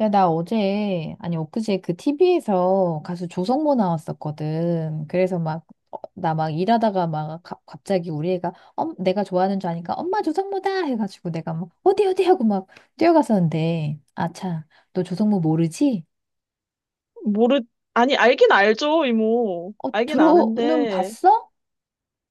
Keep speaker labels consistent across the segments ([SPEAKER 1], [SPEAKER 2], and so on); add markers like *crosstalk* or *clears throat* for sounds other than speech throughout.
[SPEAKER 1] 야, 나 어제, 아니, 엊그제 그 TV에서 가수 조성모 나왔었거든. 그래서 막, 나막 일하다가 막 갑자기 우리 애가, 내가 좋아하는 줄 아니까 엄마 조성모다! 해가지고 내가 막, 어디, 어디? 하고 막 뛰어갔었는데, 아차, 너 조성모 모르지?
[SPEAKER 2] 모르, 아니, 알긴 알죠, 이모.
[SPEAKER 1] 어,
[SPEAKER 2] 알긴
[SPEAKER 1] 들어는
[SPEAKER 2] 아는데.
[SPEAKER 1] 봤어?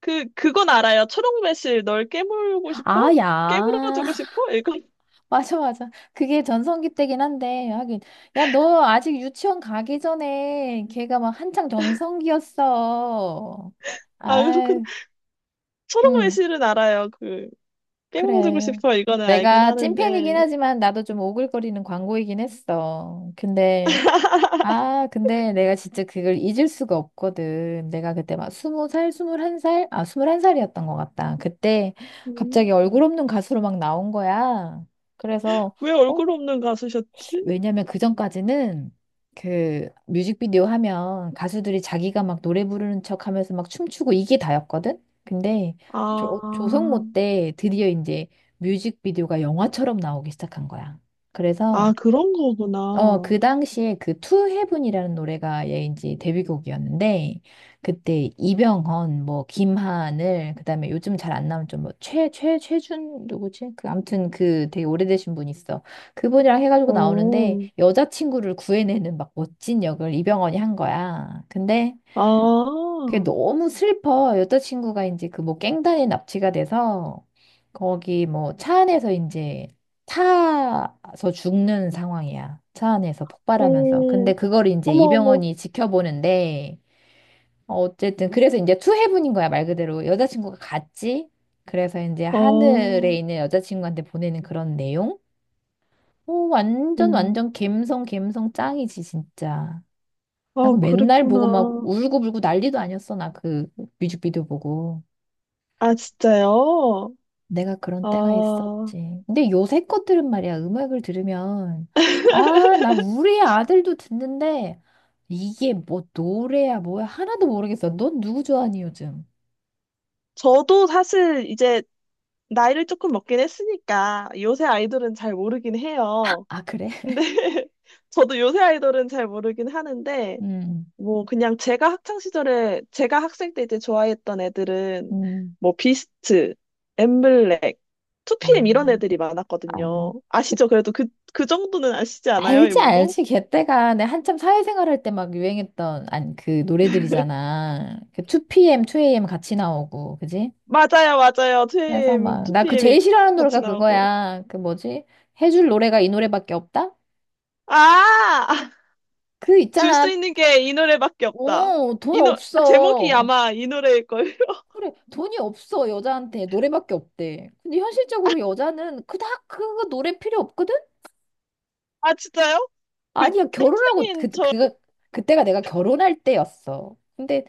[SPEAKER 2] 그건 알아요. 초록매실, 널 깨물고 싶어?
[SPEAKER 1] 아, 야.
[SPEAKER 2] 깨물어주고
[SPEAKER 1] *laughs*
[SPEAKER 2] 싶어? 이건, *laughs*
[SPEAKER 1] 맞아, 맞아. 그게 전성기 때긴 한데, 하긴. 야, 너 아직 유치원 가기 전에 걔가 막 한창 전성기였어.
[SPEAKER 2] 아, 그렇구나.
[SPEAKER 1] 아유. 응.
[SPEAKER 2] 초록매실은 알아요. 그, 깨물어주고
[SPEAKER 1] 그래.
[SPEAKER 2] 싶어. 이거는 알긴
[SPEAKER 1] 내가 찐팬이긴
[SPEAKER 2] 하는데.
[SPEAKER 1] 하지만 나도 좀 오글거리는 광고이긴 했어. 근데,
[SPEAKER 2] *laughs*
[SPEAKER 1] 아, 근데 내가 진짜 그걸 잊을 수가 없거든. 내가 그때 막 20살, 21살? 스물한 살이었던 것 같다. 그때 갑자기 얼굴
[SPEAKER 2] 음.
[SPEAKER 1] 없는 가수로 막 나온 거야. 그래서,
[SPEAKER 2] 왜 얼굴
[SPEAKER 1] 어,
[SPEAKER 2] 없는 가수셨지?
[SPEAKER 1] 왜냐면 그전까지는 그 뮤직비디오 하면 가수들이 자기가 막 노래 부르는 척 하면서 막 춤추고 이게 다였거든? 근데
[SPEAKER 2] 아,
[SPEAKER 1] 조성모 때 드디어 이제 뮤직비디오가 영화처럼 나오기 시작한 거야.
[SPEAKER 2] 아,
[SPEAKER 1] 그래서
[SPEAKER 2] 그런 거구나.
[SPEAKER 1] 그
[SPEAKER 2] 어,
[SPEAKER 1] 당시에 그 To Heaven이라는 노래가 얘인지 데뷔곡이었는데 그때 이병헌, 뭐 김하늘, 그다음에 요즘 잘 안 나오는 좀뭐 최준 누구지? 그 아무튼 그 되게 오래되신 분 있어. 그분이랑 해가지고 나오는데 여자친구를 구해내는 막 멋진 역을 이병헌이 한 거야. 근데
[SPEAKER 2] 아,
[SPEAKER 1] 그게
[SPEAKER 2] 어,
[SPEAKER 1] 너무 슬퍼. 여자친구가 이제 그 뭐 갱단에 납치가 돼서 거기 뭐 차 안에서 이제 타서 죽는 상황이야. 차 안에서 폭발하면서.
[SPEAKER 2] 어머,
[SPEAKER 1] 근데 그걸 이제
[SPEAKER 2] 어머,
[SPEAKER 1] 이병헌이 지켜보는데 어쨌든 그래서 이제 투해분인 거야. 말 그대로 여자친구가 갔지. 그래서 이제
[SPEAKER 2] 아,
[SPEAKER 1] 하늘에
[SPEAKER 2] 어,
[SPEAKER 1] 있는 여자친구한테 보내는 그런 내용? 오, 완전
[SPEAKER 2] 음.
[SPEAKER 1] 완전 갬성 갬성 짱이지 진짜. 나
[SPEAKER 2] 아,
[SPEAKER 1] 그 맨날 보고 막
[SPEAKER 2] 그랬구나.
[SPEAKER 1] 울고불고 난리도 아니었어. 나 그 뮤직비디오 보고.
[SPEAKER 2] 아, 진짜요?
[SPEAKER 1] 내가 그런 때가
[SPEAKER 2] 아,
[SPEAKER 1] 있었지. 근데 요새 것들은 말이야. 음악을 들으면 나 우리 아들도 듣는데 이게 뭐 노래야 뭐야 하나도 모르겠어. 넌 누구 좋아하니 요즘?
[SPEAKER 2] 저도 사실 이제 나이를 조금 먹긴 했으니까 요새 아이돌은 잘 모르긴 해요.
[SPEAKER 1] 아, 그래?
[SPEAKER 2] 근데
[SPEAKER 1] *laughs*
[SPEAKER 2] *laughs* 저도 요새 아이돌은 잘 모르긴 하는데
[SPEAKER 1] 음.
[SPEAKER 2] 뭐 그냥 제가 학창 시절에 제가 학생 때 이제 좋아했던 애들은
[SPEAKER 1] 음.
[SPEAKER 2] 뭐 비스트, 엠블랙,
[SPEAKER 1] 아,
[SPEAKER 2] 2PM 이런 애들이
[SPEAKER 1] 아.
[SPEAKER 2] 많았거든요. 아시죠? 그래도 그, 그 정도는 아시지 않아요,
[SPEAKER 1] 알지,
[SPEAKER 2] 이모도?
[SPEAKER 1] 알지. 걔때가 내 한참 사회생활 할 때 막 유행했던, 아니, 그 노래들이잖아. 그 2PM, 2AM 같이 나오고, 그지?
[SPEAKER 2] 맞아요, 맞아요.
[SPEAKER 1] 그래서
[SPEAKER 2] 2PM,
[SPEAKER 1] 막, 나 그
[SPEAKER 2] 2PM이
[SPEAKER 1] 제일 싫어하는
[SPEAKER 2] 같이
[SPEAKER 1] 노래가
[SPEAKER 2] 나오고.
[SPEAKER 1] 그거야. 그 뭐지? 해줄 노래가 이 노래밖에 없다?
[SPEAKER 2] 아!
[SPEAKER 1] 그
[SPEAKER 2] 줄 수
[SPEAKER 1] 있잖아.
[SPEAKER 2] 있는 게 이 노래밖에 없다.
[SPEAKER 1] 돈
[SPEAKER 2] 아, 제목이
[SPEAKER 1] 없어.
[SPEAKER 2] 아마 이 노래일걸. *laughs*
[SPEAKER 1] 그래, 돈이 없어. 여자한테 노래밖에 없대. 근데 현실적으로 여자는 그닥 그 노래 필요 없거든?
[SPEAKER 2] 아, 진짜요? 그
[SPEAKER 1] 아니야, 결혼하고
[SPEAKER 2] 학생인
[SPEAKER 1] 그,
[SPEAKER 2] 저,
[SPEAKER 1] 그, 그때가 내가 결혼할 때였어. 근데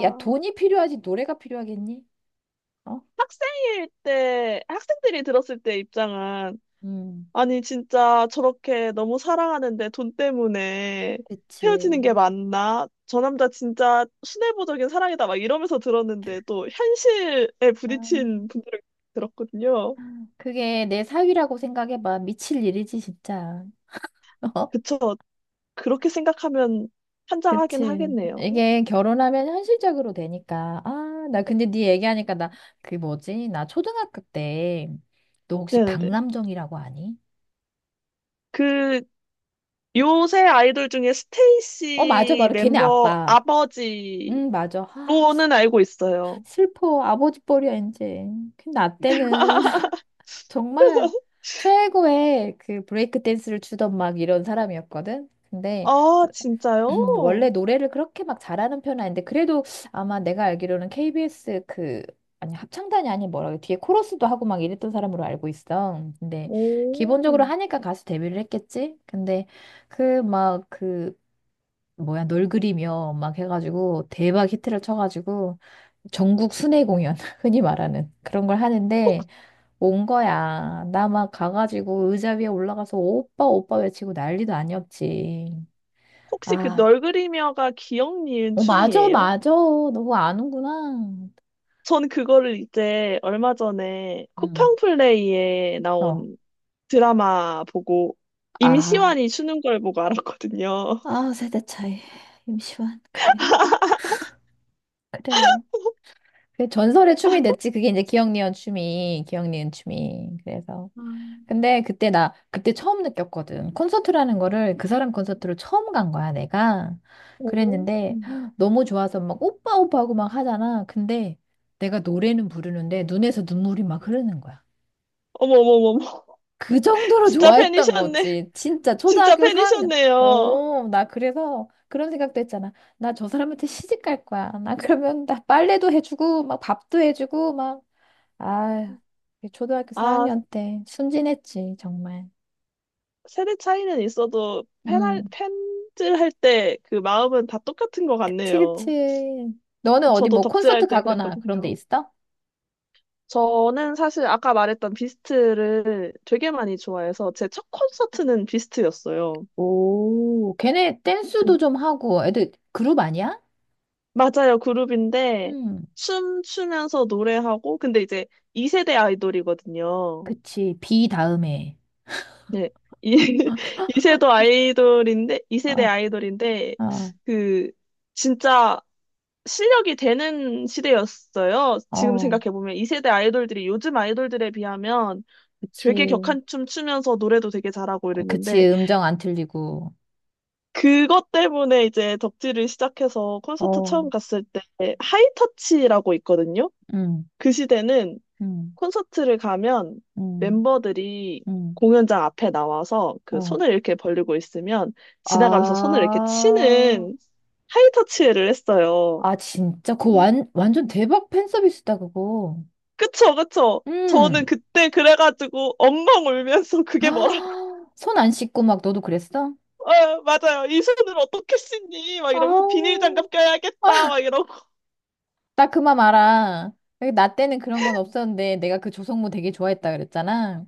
[SPEAKER 1] 야, 돈이 필요하지 노래가 필요하겠니? 어?
[SPEAKER 2] 학생일 때, 학생들이 들었을 때 입장은,
[SPEAKER 1] 음,
[SPEAKER 2] 아니, 진짜 저렇게 너무 사랑하는데 돈 때문에 헤어지는 게
[SPEAKER 1] 그치.
[SPEAKER 2] 맞나? 저 남자 진짜 순애보적인 사랑이다. 막 이러면서 들었는데, 또 현실에 부딪힌
[SPEAKER 1] 아
[SPEAKER 2] 분들을 들었거든요.
[SPEAKER 1] 그게 내 사위라고 생각해봐. 미칠 일이지, 진짜. *laughs*
[SPEAKER 2] 그쵸. 그렇게 생각하면 환장하긴
[SPEAKER 1] 그치.
[SPEAKER 2] 하겠네요.
[SPEAKER 1] 이게 결혼하면 현실적으로 되니까. 아, 나 근데 네 얘기하니까 나, 그 뭐지? 나 초등학교 때, 너 혹시
[SPEAKER 2] 네네네.
[SPEAKER 1] 박남정이라고 아니?
[SPEAKER 2] 그 요새 아이돌 중에
[SPEAKER 1] 어, 맞아.
[SPEAKER 2] 스테이시
[SPEAKER 1] 바로 걔네
[SPEAKER 2] 멤버
[SPEAKER 1] 아빠.
[SPEAKER 2] 아버지로는
[SPEAKER 1] 응, 맞아.
[SPEAKER 2] 알고 있어요.
[SPEAKER 1] 슬- 퍼 아버지 뻘이야, 이제. 근데 나 때는 *laughs* 정말
[SPEAKER 2] *laughs*
[SPEAKER 1] 최고의 그 브레이크 댄스를 추던 막 이런 사람이었거든? 근데
[SPEAKER 2] 아, 진짜요?
[SPEAKER 1] *clears throat* 원래 노래를 그렇게 막 잘하는 편은 아닌데 그래도 아마 내가 알기로는 KBS 그 아니 합창단이 아닌 뭐라 그래 뒤에 코러스도 하고 막 이랬던 사람으로 알고 있어. 근데
[SPEAKER 2] 오.
[SPEAKER 1] 기본적으로 하니까 가수 데뷔를 했겠지. 근데 그 막 그 뭐야 널 그리며 막 해가지고 대박 히트를 쳐가지고 전국 순회 공연 *laughs* 흔히 말하는 그런 걸 하는데
[SPEAKER 2] 혹,
[SPEAKER 1] 온 거야. 나 막 가가지고 의자 위에 올라가서 오빠 오빠 외치고 난리도 아니었지.
[SPEAKER 2] 혹시 그
[SPEAKER 1] 아,
[SPEAKER 2] 널 그리며가 기억 니은
[SPEAKER 1] 어, 맞아,
[SPEAKER 2] 춤이에요?
[SPEAKER 1] 맞아. 너무 아는구나.
[SPEAKER 2] 전 그거를 이제 얼마 전에
[SPEAKER 1] 응,
[SPEAKER 2] 쿠팡플레이에
[SPEAKER 1] 어.
[SPEAKER 2] 나온 드라마 보고
[SPEAKER 1] 아,
[SPEAKER 2] 임시완이 추는 걸 보고 알았거든요.
[SPEAKER 1] 아, 세대 차이. 임시완, 그래. 그래. 그 전설의 춤이 됐지. 그게 이제 기억니은 춤이, 기억니은 춤이. 그래서.
[SPEAKER 2] 음.
[SPEAKER 1] 근데 그때 나, 그때 처음 느꼈거든. 콘서트라는 거를 그 사람 콘서트로 처음 간 거야, 내가.
[SPEAKER 2] *laughs* 오.
[SPEAKER 1] 그랬는데 너무 좋아서 막 오빠, 오빠 하고 막 하잖아. 근데 내가 노래는 부르는데 눈에서 눈물이 막 흐르는 거야.
[SPEAKER 2] 어머머머머.
[SPEAKER 1] 그 정도로
[SPEAKER 2] 진짜
[SPEAKER 1] 좋아했던
[SPEAKER 2] 팬이셨네.
[SPEAKER 1] 거지. 진짜
[SPEAKER 2] 진짜
[SPEAKER 1] 초등학교 4학년.
[SPEAKER 2] 팬이셨네요.
[SPEAKER 1] 오, 나 그래서 그런 생각도 했잖아. 나 저 사람한테 시집 갈 거야. 나 그러면 나 빨래도 해주고, 막 밥도 해주고, 막, 아, 초등학교
[SPEAKER 2] 아,
[SPEAKER 1] 4학년 때 순진했지, 정말.
[SPEAKER 2] 세대 차이는 있어도 팬할,
[SPEAKER 1] 음,
[SPEAKER 2] 팬질할 때 그 마음은 다 똑같은 것
[SPEAKER 1] 그치, 그치.
[SPEAKER 2] 같네요.
[SPEAKER 1] 너는 어디
[SPEAKER 2] 저도
[SPEAKER 1] 뭐 콘서트
[SPEAKER 2] 덕질할 때
[SPEAKER 1] 가거나 그런 데
[SPEAKER 2] 그랬거든요.
[SPEAKER 1] 있어?
[SPEAKER 2] 저는 사실 아까 말했던 비스트를 되게 많이 좋아해서 제 첫 콘서트는 비스트였어요.
[SPEAKER 1] 오, 걔네 댄스도
[SPEAKER 2] 그-
[SPEAKER 1] 좀 하고, 애들 그룹 아니야?
[SPEAKER 2] 맞아요, 그룹인데
[SPEAKER 1] 음,
[SPEAKER 2] 춤추면서 노래하고 근데 이제 2세대 아이돌이거든요.
[SPEAKER 1] 그치. 비 다음에.
[SPEAKER 2] 네. 이 *laughs* 2세대 아이돌인데 2세대
[SPEAKER 1] 어,
[SPEAKER 2] 아이돌인데
[SPEAKER 1] 어,
[SPEAKER 2] 그 진짜 실력이 되는 시대였어요. 지금
[SPEAKER 1] 어,
[SPEAKER 2] 생각해보면 2세대 아이돌들이 요즘 아이돌들에 비하면 되게
[SPEAKER 1] 그치.
[SPEAKER 2] 격한 춤 추면서 노래도 되게 잘하고
[SPEAKER 1] 그치,
[SPEAKER 2] 이랬는데
[SPEAKER 1] 음정 안 틀리고.
[SPEAKER 2] 그것 때문에 이제 덕질을 시작해서 콘서트
[SPEAKER 1] 어,
[SPEAKER 2] 처음 갔을 때 하이터치라고 있거든요.
[SPEAKER 1] 음,
[SPEAKER 2] 그 시대는
[SPEAKER 1] 음,
[SPEAKER 2] 콘서트를 가면
[SPEAKER 1] 음,
[SPEAKER 2] 멤버들이
[SPEAKER 1] 음.
[SPEAKER 2] 공연장 앞에 나와서 그
[SPEAKER 1] 어.
[SPEAKER 2] 손을 이렇게 벌리고 있으면 지나가면서 손을 이렇게
[SPEAKER 1] 아,
[SPEAKER 2] 치는 하이터치를 했어요.
[SPEAKER 1] 아, 진짜? 그거 완전 대박 팬 서비스다, 그거.
[SPEAKER 2] 그쵸, 그쵸. 저는
[SPEAKER 1] 음.
[SPEAKER 2] 그때 그래가지고 엉엉 울면서 그게 뭐라고. *laughs*
[SPEAKER 1] 아, *gasps* 손 안 씻고 막 너도 그랬어?
[SPEAKER 2] 아, 맞아요. 이 손을 어떻게 씻니? 막
[SPEAKER 1] 아,
[SPEAKER 2] 이러면서 비닐 장갑 껴야겠다. 막 이러고.
[SPEAKER 1] 나 그만 알아. 나 때는 그런 건 없었는데 내가 그 조성모 되게 좋아했다 그랬잖아.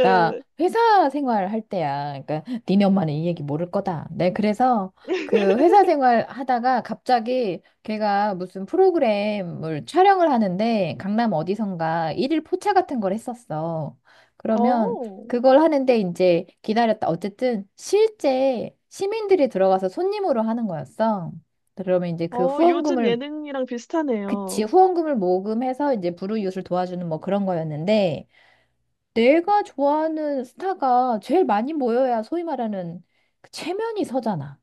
[SPEAKER 1] 나 회사 생활할 때야. 그러니까 니네 엄마는 이 얘기 모를 거다. 네 그래서 그 회사
[SPEAKER 2] *laughs*
[SPEAKER 1] 생활 하다가 갑자기 걔가 무슨 프로그램을 촬영을 하는데 강남 어디선가 일일 포차 같은 걸 했었어. 그러면
[SPEAKER 2] 어,
[SPEAKER 1] 그걸 하는데 이제 기다렸다. 어쨌든 실제 시민들이 들어가서 손님으로 하는 거였어. 그러면 이제 그
[SPEAKER 2] 어, 요즘
[SPEAKER 1] 후원금을
[SPEAKER 2] 예능이랑
[SPEAKER 1] 그치
[SPEAKER 2] 비슷하네요.
[SPEAKER 1] 후원금을 모금해서 이제 불우이웃을 도와주는 뭐 그런 거였는데 내가 좋아하는 스타가 제일 많이 모여야 소위 말하는 그 체면이 서잖아.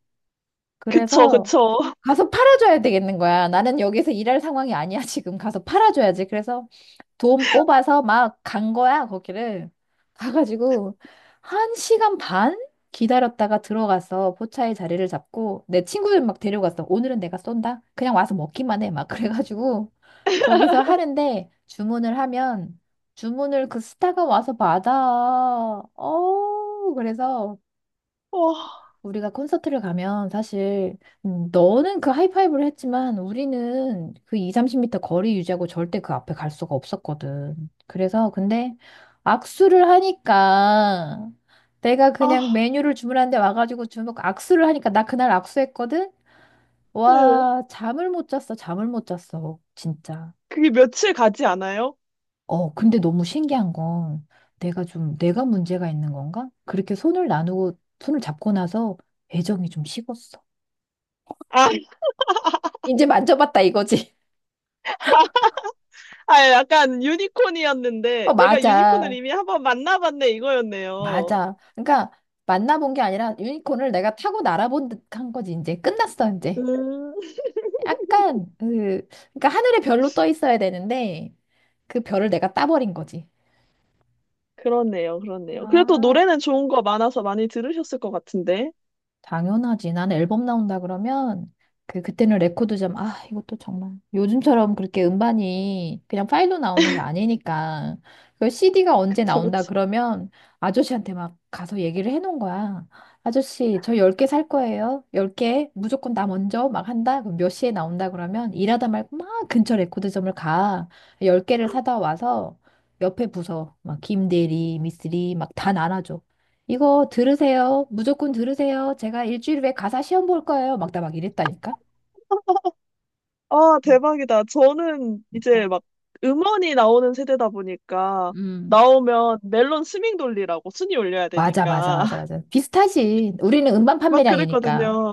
[SPEAKER 2] 그쵸,
[SPEAKER 1] 그래서
[SPEAKER 2] 그쵸.
[SPEAKER 1] 가서 팔아줘야 되겠는 거야. 나는 여기서 일할 상황이 아니야. *laughs* 지금 가서 팔아줘야지. 그래서 돈 뽑아서 막 간 거야, 거기를. 가가지고, 1시간 반 기다렸다가 들어가서 포차의 자리를 잡고, 내 친구들 막 데려갔어. 오늘은 내가 쏜다? 그냥 와서 먹기만 해. 막 그래가지고, 거기서 하는데, 주문을 하면, 주문을 그 스타가 와서 받아. 그래서,
[SPEAKER 2] *laughs* 어,
[SPEAKER 1] 우리가 콘서트를 가면 사실 너는 그 하이파이브를 했지만 우리는 그 2, 30미터 거리 유지하고 절대 그 앞에 갈 수가 없었거든. 그래서 근데 악수를 하니까 내가
[SPEAKER 2] 아,
[SPEAKER 1] 그냥 메뉴를 주문하는데 와가지고 주먹 악수를 하니까 나 그날 악수했거든?
[SPEAKER 2] 네.
[SPEAKER 1] 와, 잠을 못 잤어. 잠을 못 잤어. 진짜.
[SPEAKER 2] 그게 며칠 가지 않아요?
[SPEAKER 1] 어, 근데 너무 신기한 건 내가 좀 내가 문제가 있는 건가? 그렇게 손을 나누고 손을 잡고 나서 애정이 좀 식었어.
[SPEAKER 2] 아,
[SPEAKER 1] 이제 만져봤다 이거지. *laughs*
[SPEAKER 2] 아, 약간
[SPEAKER 1] 어,
[SPEAKER 2] 유니콘이었는데, 내가 유니콘을
[SPEAKER 1] 맞아.
[SPEAKER 2] 이미 한번 만나봤네, 이거였네요.
[SPEAKER 1] 맞아. 그러니까 만나본 게 아니라 유니콘을 내가 타고 날아본 듯한 거지. 이제 끝났어, 이제.
[SPEAKER 2] 음.
[SPEAKER 1] 약간 그 그러니까 하늘에 별로 떠 있어야 되는데 그 별을 내가 따버린 거지.
[SPEAKER 2] 그렇네요, 그렇네요. 그래도
[SPEAKER 1] 아.
[SPEAKER 2] 노래는 좋은 거 많아서 많이 들으셨을 것 같은데.
[SPEAKER 1] 당연하지. 나는 앨범 나온다 그러면 그 그때는 레코드점 이것도 정말 요즘처럼 그렇게 음반이 그냥 파일로 나오는 게 아니니까 그 CD가 언제
[SPEAKER 2] 그쵸,
[SPEAKER 1] 나온다
[SPEAKER 2] 그쵸.
[SPEAKER 1] 그러면 아저씨한테 막 가서 얘기를 해놓은 거야. 아저씨 저 10개 살 거예요. 10개 무조건 나 먼저 막 한다. 그럼 몇 시에 나온다 그러면 일하다 말고 막 근처 레코드점을 가. 10개를 사다 와서 옆에 부서 막 김대리, 미쓰리 막 다 나눠줘. 이거 들으세요. 무조건 들으세요. 제가 일주일 후에 가사 시험 볼 거예요. 막 나 막 이랬다니까.
[SPEAKER 2] 아,
[SPEAKER 1] 음,
[SPEAKER 2] 대박이다. 저는 이제
[SPEAKER 1] 진짜.
[SPEAKER 2] 막 음원이 나오는 세대다 보니까
[SPEAKER 1] 음,
[SPEAKER 2] 나오면 멜론 스밍 돌리라고 순위 올려야
[SPEAKER 1] 맞아, 맞아,
[SPEAKER 2] 되니까
[SPEAKER 1] 맞아,
[SPEAKER 2] *laughs*
[SPEAKER 1] 맞아. 비슷하지. 우리는 음반
[SPEAKER 2] 막
[SPEAKER 1] 판매량이니까.
[SPEAKER 2] 그랬거든요.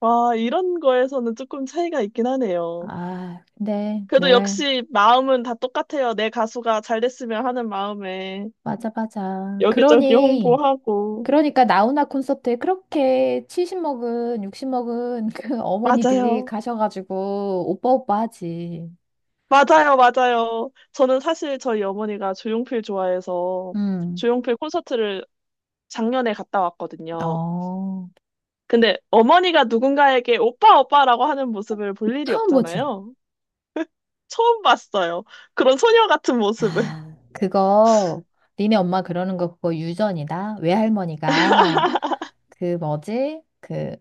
[SPEAKER 2] 와, 이런 거에서는 조금 차이가 있긴 하네요.
[SPEAKER 1] 아, 근데
[SPEAKER 2] 그래도
[SPEAKER 1] 내가
[SPEAKER 2] 역시 마음은 다 똑같아요. 내 가수가 잘 됐으면 하는 마음에
[SPEAKER 1] 맞아, 맞아.
[SPEAKER 2] 여기저기
[SPEAKER 1] 그러니
[SPEAKER 2] 홍보하고.
[SPEAKER 1] 그러니까 나훈아 콘서트에 그렇게 70 먹은, 60 먹은 그 *laughs* 어머니들이
[SPEAKER 2] 맞아요.
[SPEAKER 1] 가셔가지고 오빠 오빠 하지.
[SPEAKER 2] 맞아요, 맞아요. 저는 사실 저희 어머니가 조용필 좋아해서
[SPEAKER 1] 음.
[SPEAKER 2] 조용필 콘서트를 작년에 갔다 왔거든요.
[SPEAKER 1] 어,
[SPEAKER 2] 근데 어머니가 누군가에게 오빠, 오빠라고 하는 모습을 볼 일이
[SPEAKER 1] 처음 보지.
[SPEAKER 2] 없잖아요. 처음 봤어요. 그런 소녀 같은 모습을. *laughs*
[SPEAKER 1] 야, 그거 니네 엄마 그러는 거 그거 유전이다. 외할머니가 그 뭐지? 그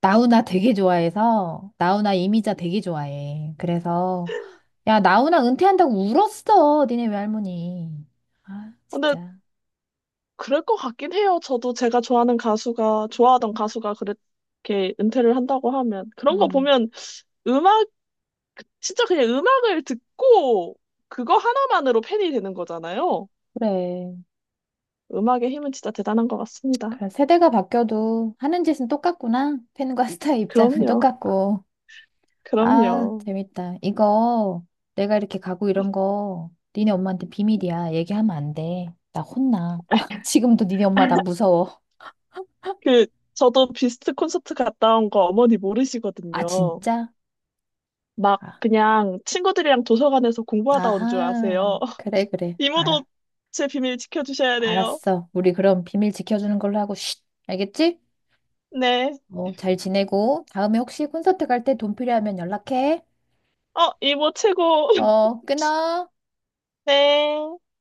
[SPEAKER 1] 나훈아 되게 좋아해서 나훈아 이미자 되게 좋아해. 그래서 야, 나훈아 은퇴한다고 울었어. 니네 외할머니. 아,
[SPEAKER 2] 근데
[SPEAKER 1] 진짜.
[SPEAKER 2] 그럴 것 같긴 해요. 저도 제가 좋아하는 가수가, 좋아하던 가수가 그렇게 은퇴를 한다고 하면. 그런 거
[SPEAKER 1] 음.
[SPEAKER 2] 보면 음악, 진짜 그냥 음악을 듣고 그거 하나만으로 팬이 되는 거잖아요.
[SPEAKER 1] 그래.
[SPEAKER 2] 음악의 힘은 진짜 대단한 것 같습니다.
[SPEAKER 1] 그래. 세대가 바뀌어도 하는 짓은 똑같구나. 팬과 *laughs* 스타의 입장은
[SPEAKER 2] 그럼요.
[SPEAKER 1] 똑같고. 아,
[SPEAKER 2] 그럼요.
[SPEAKER 1] 재밌다. 이거 내가 이렇게 가구 이런 거 니네 엄마한테 비밀이야. 얘기하면 안 돼. 나 혼나. *laughs* 지금도 니네 엄마 나
[SPEAKER 2] *laughs*
[SPEAKER 1] 무서워.
[SPEAKER 2] 그, 저도 비스트 콘서트 갔다 온 거 어머니
[SPEAKER 1] 아,
[SPEAKER 2] 모르시거든요.
[SPEAKER 1] 진짜?
[SPEAKER 2] 막
[SPEAKER 1] 아,
[SPEAKER 2] 그냥 친구들이랑 도서관에서 공부하다 온 줄
[SPEAKER 1] 아하.
[SPEAKER 2] 아세요. *laughs*
[SPEAKER 1] 그래, 그래.
[SPEAKER 2] 이모도
[SPEAKER 1] 알아.
[SPEAKER 2] 제 비밀 지켜주셔야 돼요.
[SPEAKER 1] 알았어. 우리 그럼 비밀 지켜주는 걸로 하고, 쉿. 알겠지?
[SPEAKER 2] 네.
[SPEAKER 1] 어, 잘 지내고, 다음에 혹시 콘서트 갈 때 돈 필요하면 연락해.
[SPEAKER 2] 어, 이모 최고. *laughs*
[SPEAKER 1] 어, 끊어.
[SPEAKER 2] 네.